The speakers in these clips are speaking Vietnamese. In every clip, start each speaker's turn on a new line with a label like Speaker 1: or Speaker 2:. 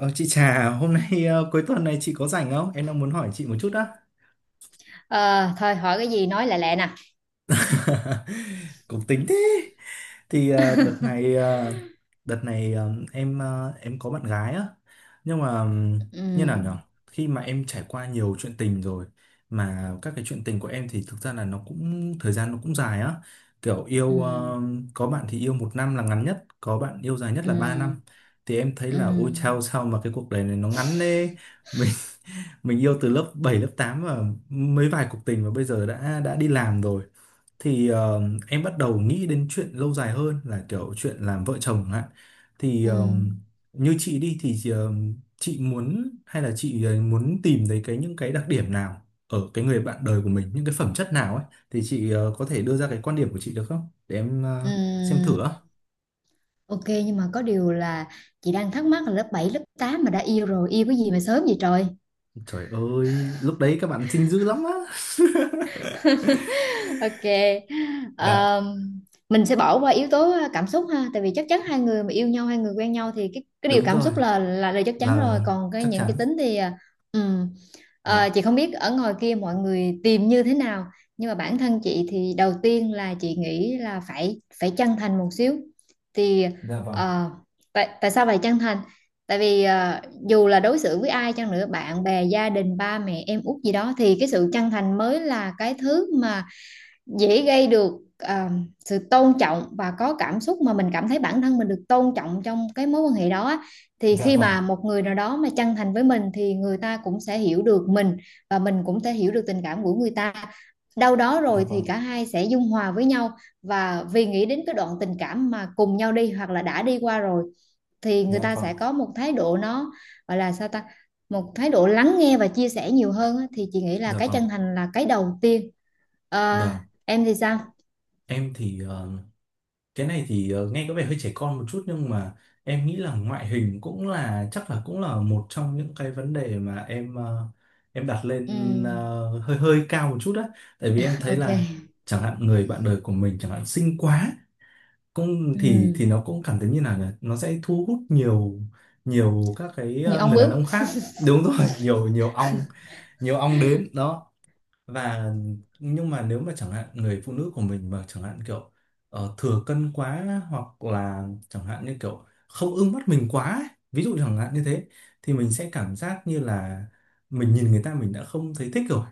Speaker 1: Ờ, chị Trà, hôm nay cuối tuần này chị có rảnh không? Em đang muốn hỏi chị một chút á.
Speaker 2: Ờ, thôi hỏi cái gì nói lẹ lẹ nè.
Speaker 1: Cũng tính thế. Thì đợt này ờ, đợt này ờ, em có bạn gái á. Nhưng mà như nào nhở?
Speaker 2: Ừ,
Speaker 1: Khi mà em trải qua nhiều chuyện tình rồi mà các cái chuyện tình của em thì thực ra là nó cũng thời gian nó cũng dài á. Kiểu yêu
Speaker 2: ừ,
Speaker 1: có bạn thì yêu 1 năm là ngắn nhất, có bạn yêu dài nhất là 3 năm.
Speaker 2: ừ,
Speaker 1: Thì em thấy là ôi
Speaker 2: ừ,
Speaker 1: chao sao mà cái cuộc đời này nó ngắn thế. Mình yêu từ lớp 7 lớp 8 và mấy vài cuộc tình và bây giờ đã đi làm rồi thì ờ, em bắt đầu nghĩ đến chuyện lâu dài hơn là kiểu chuyện làm vợ chồng chẳng hạn thì
Speaker 2: ừ,
Speaker 1: ờ, như chị đi thì chị muốn hay là chị muốn tìm thấy cái những cái đặc điểm nào ở cái người bạn đời của mình những cái phẩm chất nào ấy thì chị có thể đưa ra cái quan điểm của chị được không để em xem
Speaker 2: ừ.
Speaker 1: thử á.
Speaker 2: OK, nhưng mà có điều là chị đang thắc mắc là lớp 7 lớp 8 mà đã yêu rồi, yêu cái gì mà sớm vậy trời?
Speaker 1: Trời ơi lúc đấy các bạn xinh dữ lắm á.
Speaker 2: OK.
Speaker 1: Dạ.
Speaker 2: Ờm, mình sẽ bỏ qua yếu tố cảm xúc ha, tại vì chắc chắn hai người mà yêu nhau, hai người quen nhau thì cái điều
Speaker 1: Đúng
Speaker 2: cảm
Speaker 1: rồi.
Speaker 2: xúc là chắc chắn rồi,
Speaker 1: Là
Speaker 2: còn cái
Speaker 1: chắc
Speaker 2: những cái
Speaker 1: chắn.
Speaker 2: tính thì ừ.
Speaker 1: Dạ.
Speaker 2: Chị không biết ở ngoài kia mọi người tìm như thế nào, nhưng mà bản thân chị thì đầu tiên là chị nghĩ là phải phải chân thành một xíu thì
Speaker 1: Dạ vâng.
Speaker 2: ờ, tại tại sao phải chân thành? Tại vì dù là đối xử với ai chăng nữa, bạn bè, gia đình, ba mẹ, em út gì đó thì cái sự chân thành mới là cái thứ mà dễ gây được à, sự tôn trọng, và có cảm xúc mà mình cảm thấy bản thân mình được tôn trọng trong cái mối quan hệ đó. Thì
Speaker 1: Dạ
Speaker 2: khi
Speaker 1: vâng,
Speaker 2: mà một người nào đó mà chân thành với mình thì người ta cũng sẽ hiểu được mình, và mình cũng sẽ hiểu được tình cảm của người ta. Đâu đó
Speaker 1: dạ
Speaker 2: rồi thì
Speaker 1: vâng,
Speaker 2: cả hai sẽ dung hòa với nhau, và vì nghĩ đến cái đoạn tình cảm mà cùng nhau đi hoặc là đã đi qua rồi thì người
Speaker 1: dạ
Speaker 2: ta
Speaker 1: vâng,
Speaker 2: sẽ có một thái độ nó gọi là sao ta, một thái độ lắng nghe và chia sẻ nhiều hơn. Thì chị nghĩ là
Speaker 1: dạ
Speaker 2: cái
Speaker 1: vâng,
Speaker 2: chân thành là cái đầu tiên. Ờ,
Speaker 1: vâng.
Speaker 2: em thì sao?
Speaker 1: Em thì cái này thì nghe có vẻ hơi trẻ con một chút nhưng mà em nghĩ là ngoại hình cũng là chắc là cũng là một trong những cái vấn đề mà em đặt
Speaker 2: Ừ,
Speaker 1: lên hơi hơi cao một chút đó. Tại vì em thấy
Speaker 2: OK.
Speaker 1: là chẳng hạn người bạn đời của mình chẳng hạn xinh quá cũng
Speaker 2: Ừ,
Speaker 1: thì nó cũng cảm thấy như nào nhỉ? Nó sẽ thu hút nhiều nhiều các cái
Speaker 2: như ông
Speaker 1: người đàn
Speaker 2: bướm.
Speaker 1: ông khác. Đúng rồi. nhiều nhiều ong đến đó và nhưng mà nếu mà chẳng hạn người phụ nữ của mình mà chẳng hạn kiểu thừa cân quá hoặc là chẳng hạn như kiểu không ưng mắt mình quá ấy, ví dụ chẳng hạn như thế thì mình sẽ cảm giác như là mình nhìn người ta mình đã không thấy thích rồi,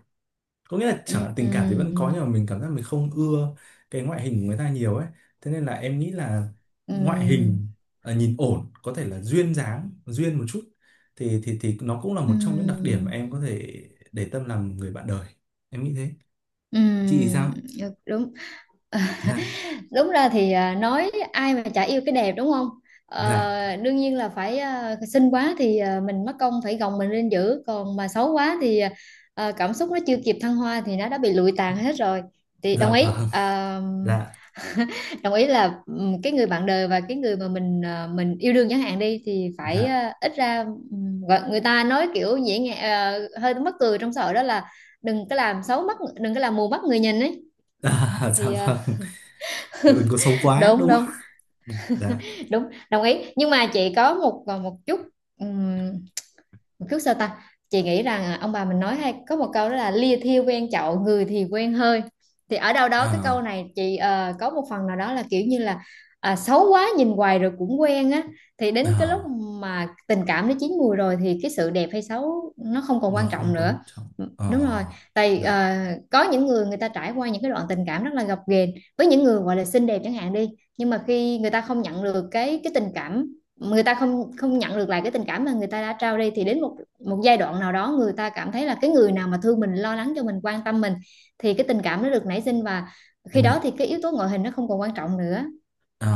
Speaker 1: có nghĩa là chẳng
Speaker 2: Ừ,
Speaker 1: hạn tình cảm thì vẫn
Speaker 2: ừ,
Speaker 1: có nhưng mà mình cảm giác mình không ưa cái ngoại hình của người ta nhiều ấy. Thế nên là em nghĩ là ngoại
Speaker 2: ừ,
Speaker 1: hình nhìn ổn có thể là duyên dáng duyên một chút thì nó cũng là
Speaker 2: ừ,
Speaker 1: một trong những đặc điểm mà em có thể để tâm làm người bạn đời. Em nghĩ thế.
Speaker 2: ừ,
Speaker 1: Chị sao?
Speaker 2: được, đúng. Ờ,
Speaker 1: Dạ.
Speaker 2: Đúng ra thì nói ai mà chả yêu cái đẹp, đúng không?
Speaker 1: Dạ.
Speaker 2: Đương nhiên là phải, xinh quá thì mình mất công phải gồng mình lên giữ. Còn mà xấu quá thì cảm xúc nó chưa kịp thăng hoa thì nó đã bị lụi tàn hết rồi. Thì đồng
Speaker 1: Dạ
Speaker 2: ý.
Speaker 1: vâng.
Speaker 2: Ờ,
Speaker 1: Dạ.
Speaker 2: Đồng ý là cái người bạn đời và cái người mà mình yêu đương chẳng hạn đi thì phải,
Speaker 1: Dạ.
Speaker 2: ít ra người ta nói kiểu dễ nghe, hơi mắc cười trong xã hội, đó là đừng có làm xấu mắt, đừng có làm mù mắt người nhìn ấy.
Speaker 1: À. Dạ
Speaker 2: Thì
Speaker 1: vâng. Kiểu đừng có xấu quá
Speaker 2: đúng,
Speaker 1: đúng không?
Speaker 2: đúng,
Speaker 1: Ừ, dạ.
Speaker 2: đúng. Đồng ý, nhưng mà chị có một một chút, chút, sao ta, chị nghĩ rằng ông bà mình nói hay có một câu đó là lia thiêu quen chậu, người thì quen hơi. Thì ở đâu đó cái câu
Speaker 1: À.
Speaker 2: này chị có một phần nào đó là kiểu như là xấu quá nhìn hoài rồi cũng quen á, thì đến cái lúc
Speaker 1: À.
Speaker 2: mà tình cảm nó chín mùi rồi thì cái sự đẹp hay xấu nó không còn
Speaker 1: Nó
Speaker 2: quan
Speaker 1: không
Speaker 2: trọng
Speaker 1: quan
Speaker 2: nữa.
Speaker 1: trọng.
Speaker 2: Ừ,
Speaker 1: Ờ,
Speaker 2: đúng rồi. Tại
Speaker 1: dạ.
Speaker 2: có những người, người ta trải qua những cái đoạn tình cảm rất là gập ghềnh với những người gọi là xinh đẹp chẳng hạn đi, nhưng mà khi người ta không nhận được cái tình cảm, người ta không không nhận được lại cái tình cảm mà người ta đã trao đi, thì đến một một giai đoạn nào đó người ta cảm thấy là cái người nào mà thương mình, lo lắng cho mình, quan tâm mình thì cái tình cảm nó được nảy sinh, và khi
Speaker 1: Em hiểu.
Speaker 2: đó thì cái yếu tố ngoại hình nó không còn quan trọng nữa.
Speaker 1: Ờ,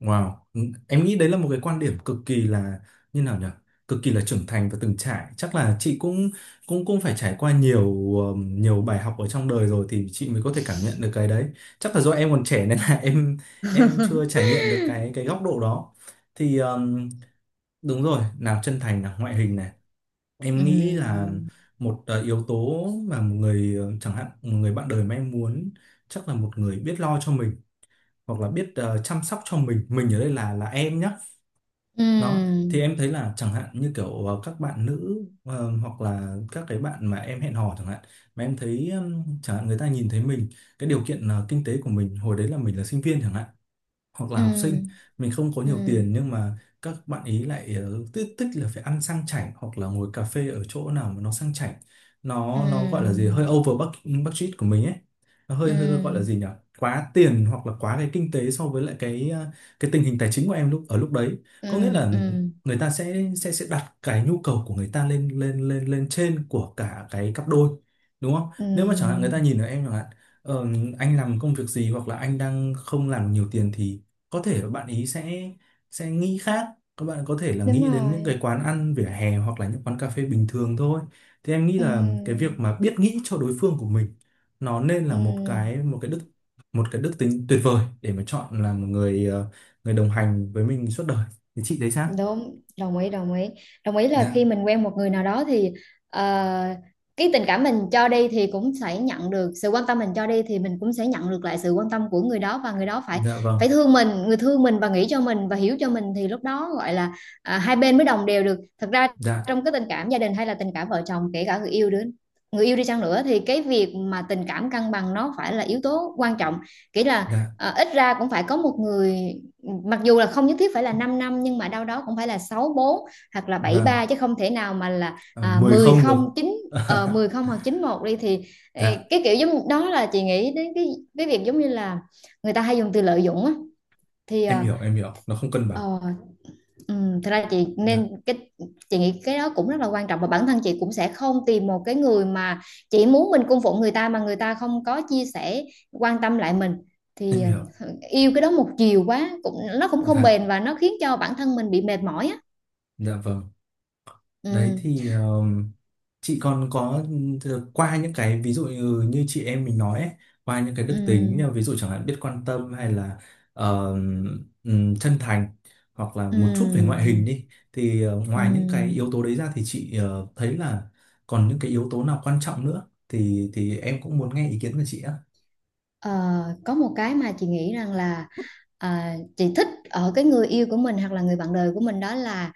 Speaker 1: wow. Ừ. Em nghĩ đấy là một cái quan điểm cực kỳ là như nào nhỉ? Cực kỳ là trưởng thành và từng trải. Chắc là chị cũng cũng cũng phải trải qua nhiều nhiều bài học ở trong đời rồi thì chị mới có thể cảm nhận được cái đấy. Chắc là do em còn trẻ nên là em chưa trải nghiệm được cái góc độ đó. Thì đúng rồi, nào chân thành nào ngoại hình này. Em nghĩ là
Speaker 2: Ừm.
Speaker 1: một yếu tố mà một người chẳng hạn một người bạn đời mà em muốn chắc là một người biết lo cho mình hoặc là biết chăm sóc cho mình ở đây là em nhá. Đó thì
Speaker 2: Ừm.
Speaker 1: em thấy là chẳng hạn như kiểu các bạn nữ hoặc là các cái bạn mà em hẹn hò chẳng hạn mà em thấy chẳng hạn người ta nhìn thấy mình cái điều kiện kinh tế của mình hồi đấy là mình là sinh viên chẳng hạn hoặc là học sinh,
Speaker 2: Ừm.
Speaker 1: mình không có nhiều
Speaker 2: Ừm.
Speaker 1: tiền nhưng mà các bạn ý lại thích thích là phải ăn sang chảnh hoặc là ngồi cà phê ở chỗ nào mà nó sang chảnh, nó gọi là gì hơi
Speaker 2: Ừm.
Speaker 1: over budget budget của mình ấy, nó hơi hơi gọi là
Speaker 2: Ừm.
Speaker 1: gì nhỉ, quá tiền hoặc là quá cái kinh tế so với lại cái cái tình hình tài chính của em lúc ở lúc đấy. Có nghĩa
Speaker 2: Ừm.
Speaker 1: là
Speaker 2: Ừm.
Speaker 1: người ta sẽ đặt cái nhu cầu của người ta lên lên lên lên trên của cả cái cặp đôi đúng không? Nếu mà chẳng hạn người
Speaker 2: Ừm.
Speaker 1: ta nhìn ở em chẳng hạn, ờ, anh làm công việc gì hoặc là anh đang không làm nhiều tiền thì có thể là bạn ý sẽ nghĩ khác, các bạn có thể là
Speaker 2: Đúng
Speaker 1: nghĩ đến những cái
Speaker 2: rồi.
Speaker 1: quán ăn vỉa hè hoặc là những quán cà phê bình thường thôi. Thì em nghĩ là cái việc
Speaker 2: Ừm.
Speaker 1: mà biết nghĩ cho đối phương của mình nó nên là một
Speaker 2: Ừm.
Speaker 1: cái một cái đức một cái đức tính tuyệt vời để mà chọn là một người người đồng hành với mình suốt đời. Thì chị thấy sao?
Speaker 2: Đúng, đồng ý, đồng ý. Đồng ý là khi
Speaker 1: Dạ.
Speaker 2: mình quen một người nào đó thì ờ, cái tình cảm mình cho đi thì cũng sẽ nhận được sự quan tâm, mình cho đi thì mình cũng sẽ nhận được lại sự quan tâm của người đó, và người đó phải
Speaker 1: Dạ
Speaker 2: phải
Speaker 1: vâng.
Speaker 2: thương mình, người thương mình và nghĩ cho mình và hiểu cho mình thì lúc đó gọi là hai bên mới đồng đều được. Thật ra
Speaker 1: Dạ.
Speaker 2: trong cái tình cảm gia đình hay là tình cảm vợ chồng, kể cả người yêu đứa, người yêu đi chăng nữa thì cái việc mà tình cảm cân bằng nó phải là yếu tố quan trọng, kỹ là
Speaker 1: Dạ
Speaker 2: ít ra cũng phải có một người, mặc dù là không nhất thiết phải là 5 năm, nhưng mà đâu đó cũng phải là sáu bốn hoặc là bảy
Speaker 1: vâng.
Speaker 2: ba, chứ không thể nào mà là
Speaker 1: Ờ, mười
Speaker 2: 10
Speaker 1: không được.
Speaker 2: không chín, 10 không hoặc chín một đi thì, ê,
Speaker 1: Dạ.
Speaker 2: cái kiểu giống đó là chị nghĩ đến cái việc giống như là người ta hay dùng từ lợi dụng á. Thì
Speaker 1: em hiểu em hiểu nó không cân bằng.
Speaker 2: ờ, ừ, thật ra chị nên
Speaker 1: Dạ.
Speaker 2: cái, chị nghĩ cái đó cũng rất là quan trọng, và bản thân chị cũng sẽ không tìm một cái người mà chỉ muốn mình cung phụng người ta mà người ta không có chia sẻ, quan tâm lại mình.
Speaker 1: Em
Speaker 2: Thì
Speaker 1: hiểu.
Speaker 2: ừ, yêu cái đó một chiều quá cũng, nó cũng không
Speaker 1: Dạ.
Speaker 2: bền và nó khiến cho bản thân mình bị mệt mỏi á.
Speaker 1: Dạ vâng.
Speaker 2: Ừ,
Speaker 1: Đấy thì chị còn có qua những cái ví dụ như chị em mình nói ấy, qua những cái
Speaker 2: ừ,
Speaker 1: đức tính như ví dụ chẳng hạn biết quan tâm hay là ờ, chân thành hoặc là
Speaker 2: ừ,
Speaker 1: một chút về ngoại hình đi thì
Speaker 2: ừ.
Speaker 1: ngoài những cái yếu
Speaker 2: Ừ.
Speaker 1: tố đấy ra thì chị thấy là còn những cái yếu tố nào quan trọng nữa thì em cũng muốn nghe ý kiến của chị á.
Speaker 2: Ờ, có một cái mà chị nghĩ rằng là chị thích ở cái người yêu của mình hoặc là người bạn đời của mình, đó là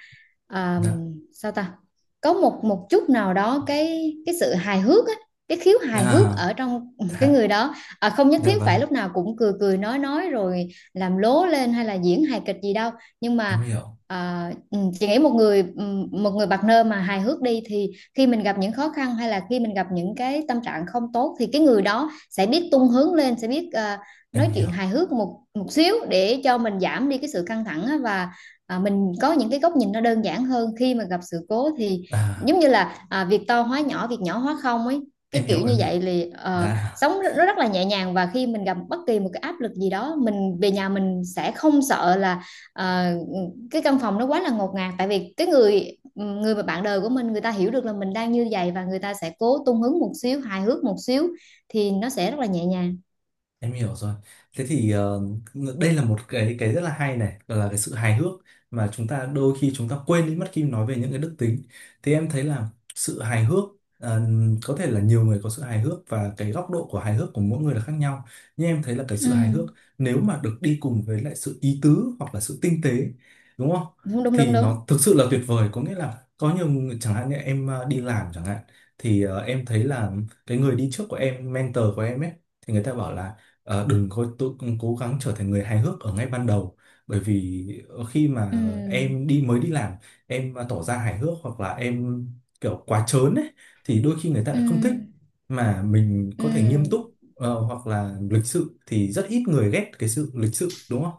Speaker 2: à,
Speaker 1: Dạ.
Speaker 2: sao ta, có một một chút nào đó, cái sự hài hước á, cái khiếu hài hước
Speaker 1: À,
Speaker 2: ở trong cái
Speaker 1: dạ,
Speaker 2: người đó. Không nhất
Speaker 1: dạ
Speaker 2: thiết phải
Speaker 1: vâng,
Speaker 2: lúc nào cũng cười cười nói rồi làm lố lên hay là diễn hài kịch gì đâu, nhưng
Speaker 1: em
Speaker 2: mà
Speaker 1: hiểu,
Speaker 2: chị nghĩ một người, một người partner mà hài hước đi, thì khi mình gặp những khó khăn hay là khi mình gặp những cái tâm trạng không tốt thì cái người đó sẽ biết tung hướng lên, sẽ biết
Speaker 1: em
Speaker 2: nói
Speaker 1: hiểu.
Speaker 2: chuyện hài hước một một xíu để cho mình giảm đi cái sự căng thẳng á, và mình có những cái góc nhìn nó đơn giản hơn khi mà gặp sự cố. Thì
Speaker 1: À,
Speaker 2: giống như là việc to hóa nhỏ, việc nhỏ hóa không ấy, cái
Speaker 1: em hiểu,
Speaker 2: kiểu như
Speaker 1: em hiểu.
Speaker 2: vậy. Thì
Speaker 1: Dạ.
Speaker 2: sống nó rất là nhẹ nhàng, và khi mình gặp bất kỳ một cái áp lực gì đó mình về nhà, mình sẽ không sợ là ờ, cái căn phòng nó quá là ngột ngạt, tại vì cái người người mà bạn đời của mình, người ta hiểu được là mình đang như vậy và người ta sẽ cố tung hứng một xíu, hài hước một xíu, thì nó sẽ rất là nhẹ nhàng.
Speaker 1: Em hiểu rồi. Thế thì đây là một cái rất là hay này, là cái sự hài hước mà chúng ta đôi khi chúng ta quên đi mất khi nói về những cái đức tính. Thì em thấy là sự hài hước ờ, có thể là nhiều người có sự hài hước và cái góc độ của hài hước của mỗi người là khác nhau. Nhưng em thấy là cái
Speaker 2: Ừ,
Speaker 1: sự hài hước nếu mà được đi cùng với lại sự ý tứ hoặc là sự tinh tế, đúng không?
Speaker 2: đúng, đúng, đúng,
Speaker 1: Thì
Speaker 2: đúng.
Speaker 1: nó thực sự là tuyệt vời. Có nghĩa là có nhiều người, chẳng hạn như em đi làm chẳng hạn thì em thấy là cái người đi trước của em, mentor của em ấy thì người ta bảo là: Ờ, đừng có tự cố gắng trở thành người hài hước ở ngay ban đầu bởi vì khi
Speaker 2: Ừ,
Speaker 1: mà em đi mới đi làm em mà tỏ ra hài hước hoặc là em kiểu quá trớn ấy thì đôi khi người ta
Speaker 2: ừ,
Speaker 1: lại không thích, mà mình
Speaker 2: ừ,
Speaker 1: có thể nghiêm túc hoặc là lịch sự thì rất ít người ghét cái sự lịch sự đúng không?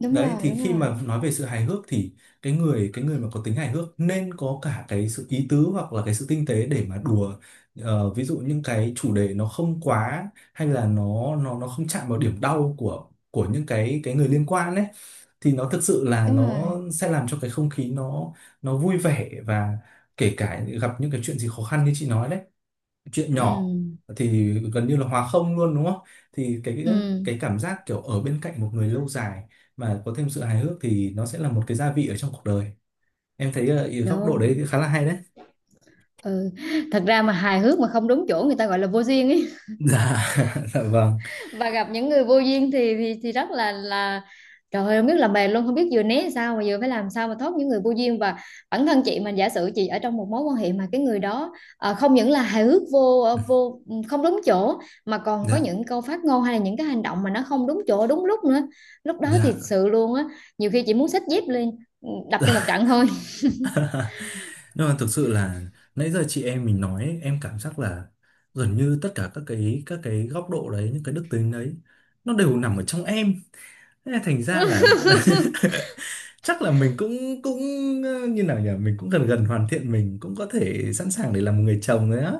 Speaker 2: đúng
Speaker 1: Đấy
Speaker 2: rồi,
Speaker 1: thì
Speaker 2: đúng
Speaker 1: khi
Speaker 2: rồi,
Speaker 1: mà nói về sự hài hước thì cái người mà có tính hài hước nên có cả cái sự ý tứ hoặc là cái sự tinh tế để mà đùa. Ờ, ví dụ những cái chủ đề nó không quá, hay là nó nó không chạm vào điểm đau của những cái người liên quan ấy thì nó thực sự là
Speaker 2: đúng
Speaker 1: nó
Speaker 2: rồi.
Speaker 1: sẽ làm cho cái không khí nó vui vẻ và kể cả gặp những cái chuyện gì khó khăn như chị nói đấy, chuyện nhỏ
Speaker 2: Ừ,
Speaker 1: thì gần như là hòa không luôn đúng không? Thì cái
Speaker 2: ừ,
Speaker 1: cái cảm giác kiểu ở bên cạnh một người lâu dài mà có thêm sự hài hước thì nó sẽ là một cái gia vị ở trong cuộc đời. Em thấy góc độ đấy thì
Speaker 2: đúng.
Speaker 1: khá là hay đấy.
Speaker 2: Ừ. Thật ra mà hài hước mà không đúng chỗ người ta gọi là vô duyên ấy,
Speaker 1: Dạ. Dạ vâng.
Speaker 2: và gặp những người vô duyên thì rất là trời ơi, không biết làm bè luôn, không biết vừa né sao mà vừa phải làm sao mà thoát những người vô duyên. Và bản thân chị, mà giả sử chị ở trong một mối quan hệ mà cái người đó không những là hài hước vô ờ, vô ừ, không đúng chỗ, mà còn có
Speaker 1: Dạ.
Speaker 2: những câu phát ngôn hay là những cái hành động mà nó không đúng chỗ đúng lúc nữa, lúc đó thì
Speaker 1: Dạ.
Speaker 2: sự luôn á, nhiều khi chị muốn xách dép lên, ừ, đập cho một trận thôi.
Speaker 1: Nhưng mà thực sự là nãy giờ chị em mình nói ấy, em cảm giác là gần như tất cả các cái góc độ đấy những cái đức tính đấy nó đều nằm ở trong em. Thế là thành ra là chắc là mình cũng cũng như nào nhỉ, mình cũng gần gần hoàn thiện, mình cũng có thể sẵn sàng để làm một người chồng đấy á.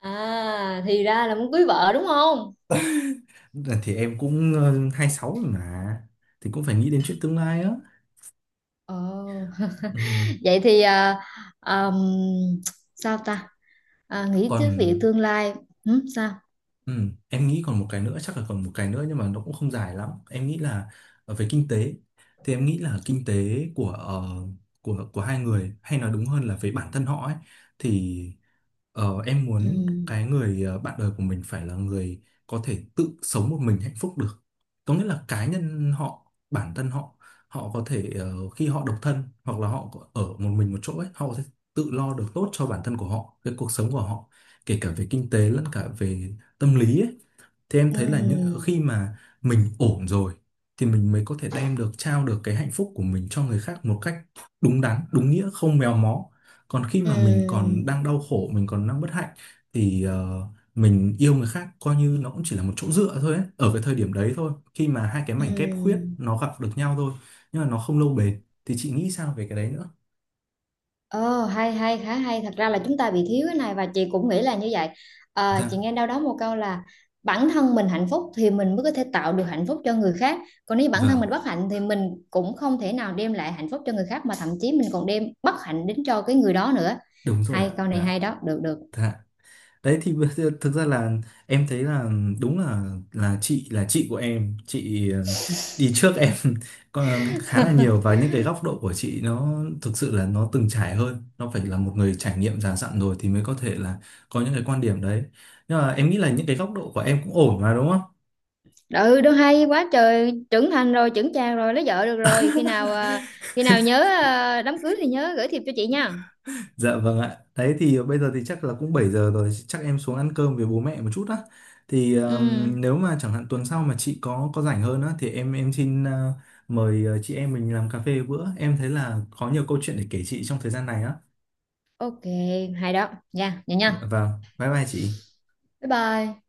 Speaker 2: À, thì ra là muốn cưới vợ đúng không?
Speaker 1: Đợt thì em cũng 26 rồi mà, thì cũng phải nghĩ đến chuyện tương lai á.
Speaker 2: Ồ,
Speaker 1: Ừ,
Speaker 2: vậy thì ờm, sao ta, nghĩ
Speaker 1: còn.
Speaker 2: tới việc tương lai. Ừ, sao?
Speaker 1: Ừ, em nghĩ còn một cái nữa, chắc là còn một cái nữa nhưng mà nó cũng không dài lắm, em nghĩ là về kinh tế. Thì em nghĩ là kinh tế của của hai người hay nói đúng hơn là về bản thân họ ấy. Thì em
Speaker 2: Ừ,
Speaker 1: muốn cái người bạn đời của mình phải là người có thể tự sống một mình hạnh phúc được, có nghĩa là cá nhân họ bản thân họ, họ có thể khi họ độc thân hoặc là ở một mình một chỗ ấy họ có thể tự lo được tốt cho bản thân của họ cái cuộc sống của họ kể cả về kinh tế lẫn cả về tâm lý ấy. Thì em thấy là những
Speaker 2: ừ,
Speaker 1: khi mà mình ổn rồi thì mình mới có thể đem được trao được cái hạnh phúc của mình cho người khác một cách đúng đắn đúng nghĩa không méo mó, còn khi mà mình
Speaker 2: ừ,
Speaker 1: còn đang đau khổ mình còn đang bất hạnh thì mình yêu người khác coi như nó cũng chỉ là một chỗ dựa thôi ấy, ở cái thời điểm đấy thôi, khi mà hai cái
Speaker 2: ừ.
Speaker 1: mảnh ghép khuyết nó gặp được nhau thôi nhưng mà nó không lâu bền. Thì chị nghĩ sao về cái đấy nữa?
Speaker 2: Ồ, hay hay, khá hay. Thật ra là chúng ta bị thiếu cái này và chị cũng nghĩ là như vậy. Chị
Speaker 1: Dạ
Speaker 2: nghe đâu đó một câu là bản thân mình hạnh phúc thì mình mới có thể tạo được hạnh phúc cho người khác. Còn nếu bản thân
Speaker 1: vâng.
Speaker 2: mình bất hạnh thì mình cũng không thể nào đem lại hạnh phúc cho người khác, mà thậm chí mình còn đem bất hạnh đến cho cái người đó nữa.
Speaker 1: Đúng rồi ạ.
Speaker 2: Hay, câu này
Speaker 1: Dạ.
Speaker 2: hay đó, được được.
Speaker 1: Dạ. Đấy thì bây giờ thực ra là em thấy là đúng là là chị của em, chị đi trước em còn khá là nhiều và những cái góc độ của chị nó thực sự là nó từng trải hơn, nó phải là một người trải nghiệm già dặn rồi thì mới có thể là có những cái quan điểm đấy. Nhưng mà em nghĩ là những cái góc độ của em cũng ổn mà đúng không?
Speaker 2: Ừ, đâu, hay quá trời, trưởng thành rồi, trưởng chàng rồi, lấy vợ được rồi. Khi nào nhớ đám cưới thì nhớ gửi thiệp cho chị nha.
Speaker 1: Dạ vâng ạ. Đấy thì bây giờ thì chắc là cũng 7 giờ rồi, chắc em xuống ăn cơm với bố mẹ một chút á. Thì
Speaker 2: Ừ,
Speaker 1: nếu mà chẳng hạn tuần sau mà chị có rảnh hơn á thì em xin mời chị em mình làm cà phê bữa. Em thấy là có nhiều câu chuyện để kể chị trong thời gian này á.
Speaker 2: OK, hay đó nha, vậy
Speaker 1: Dạ
Speaker 2: nha,
Speaker 1: vâng. Bye bye chị.
Speaker 2: bye bye.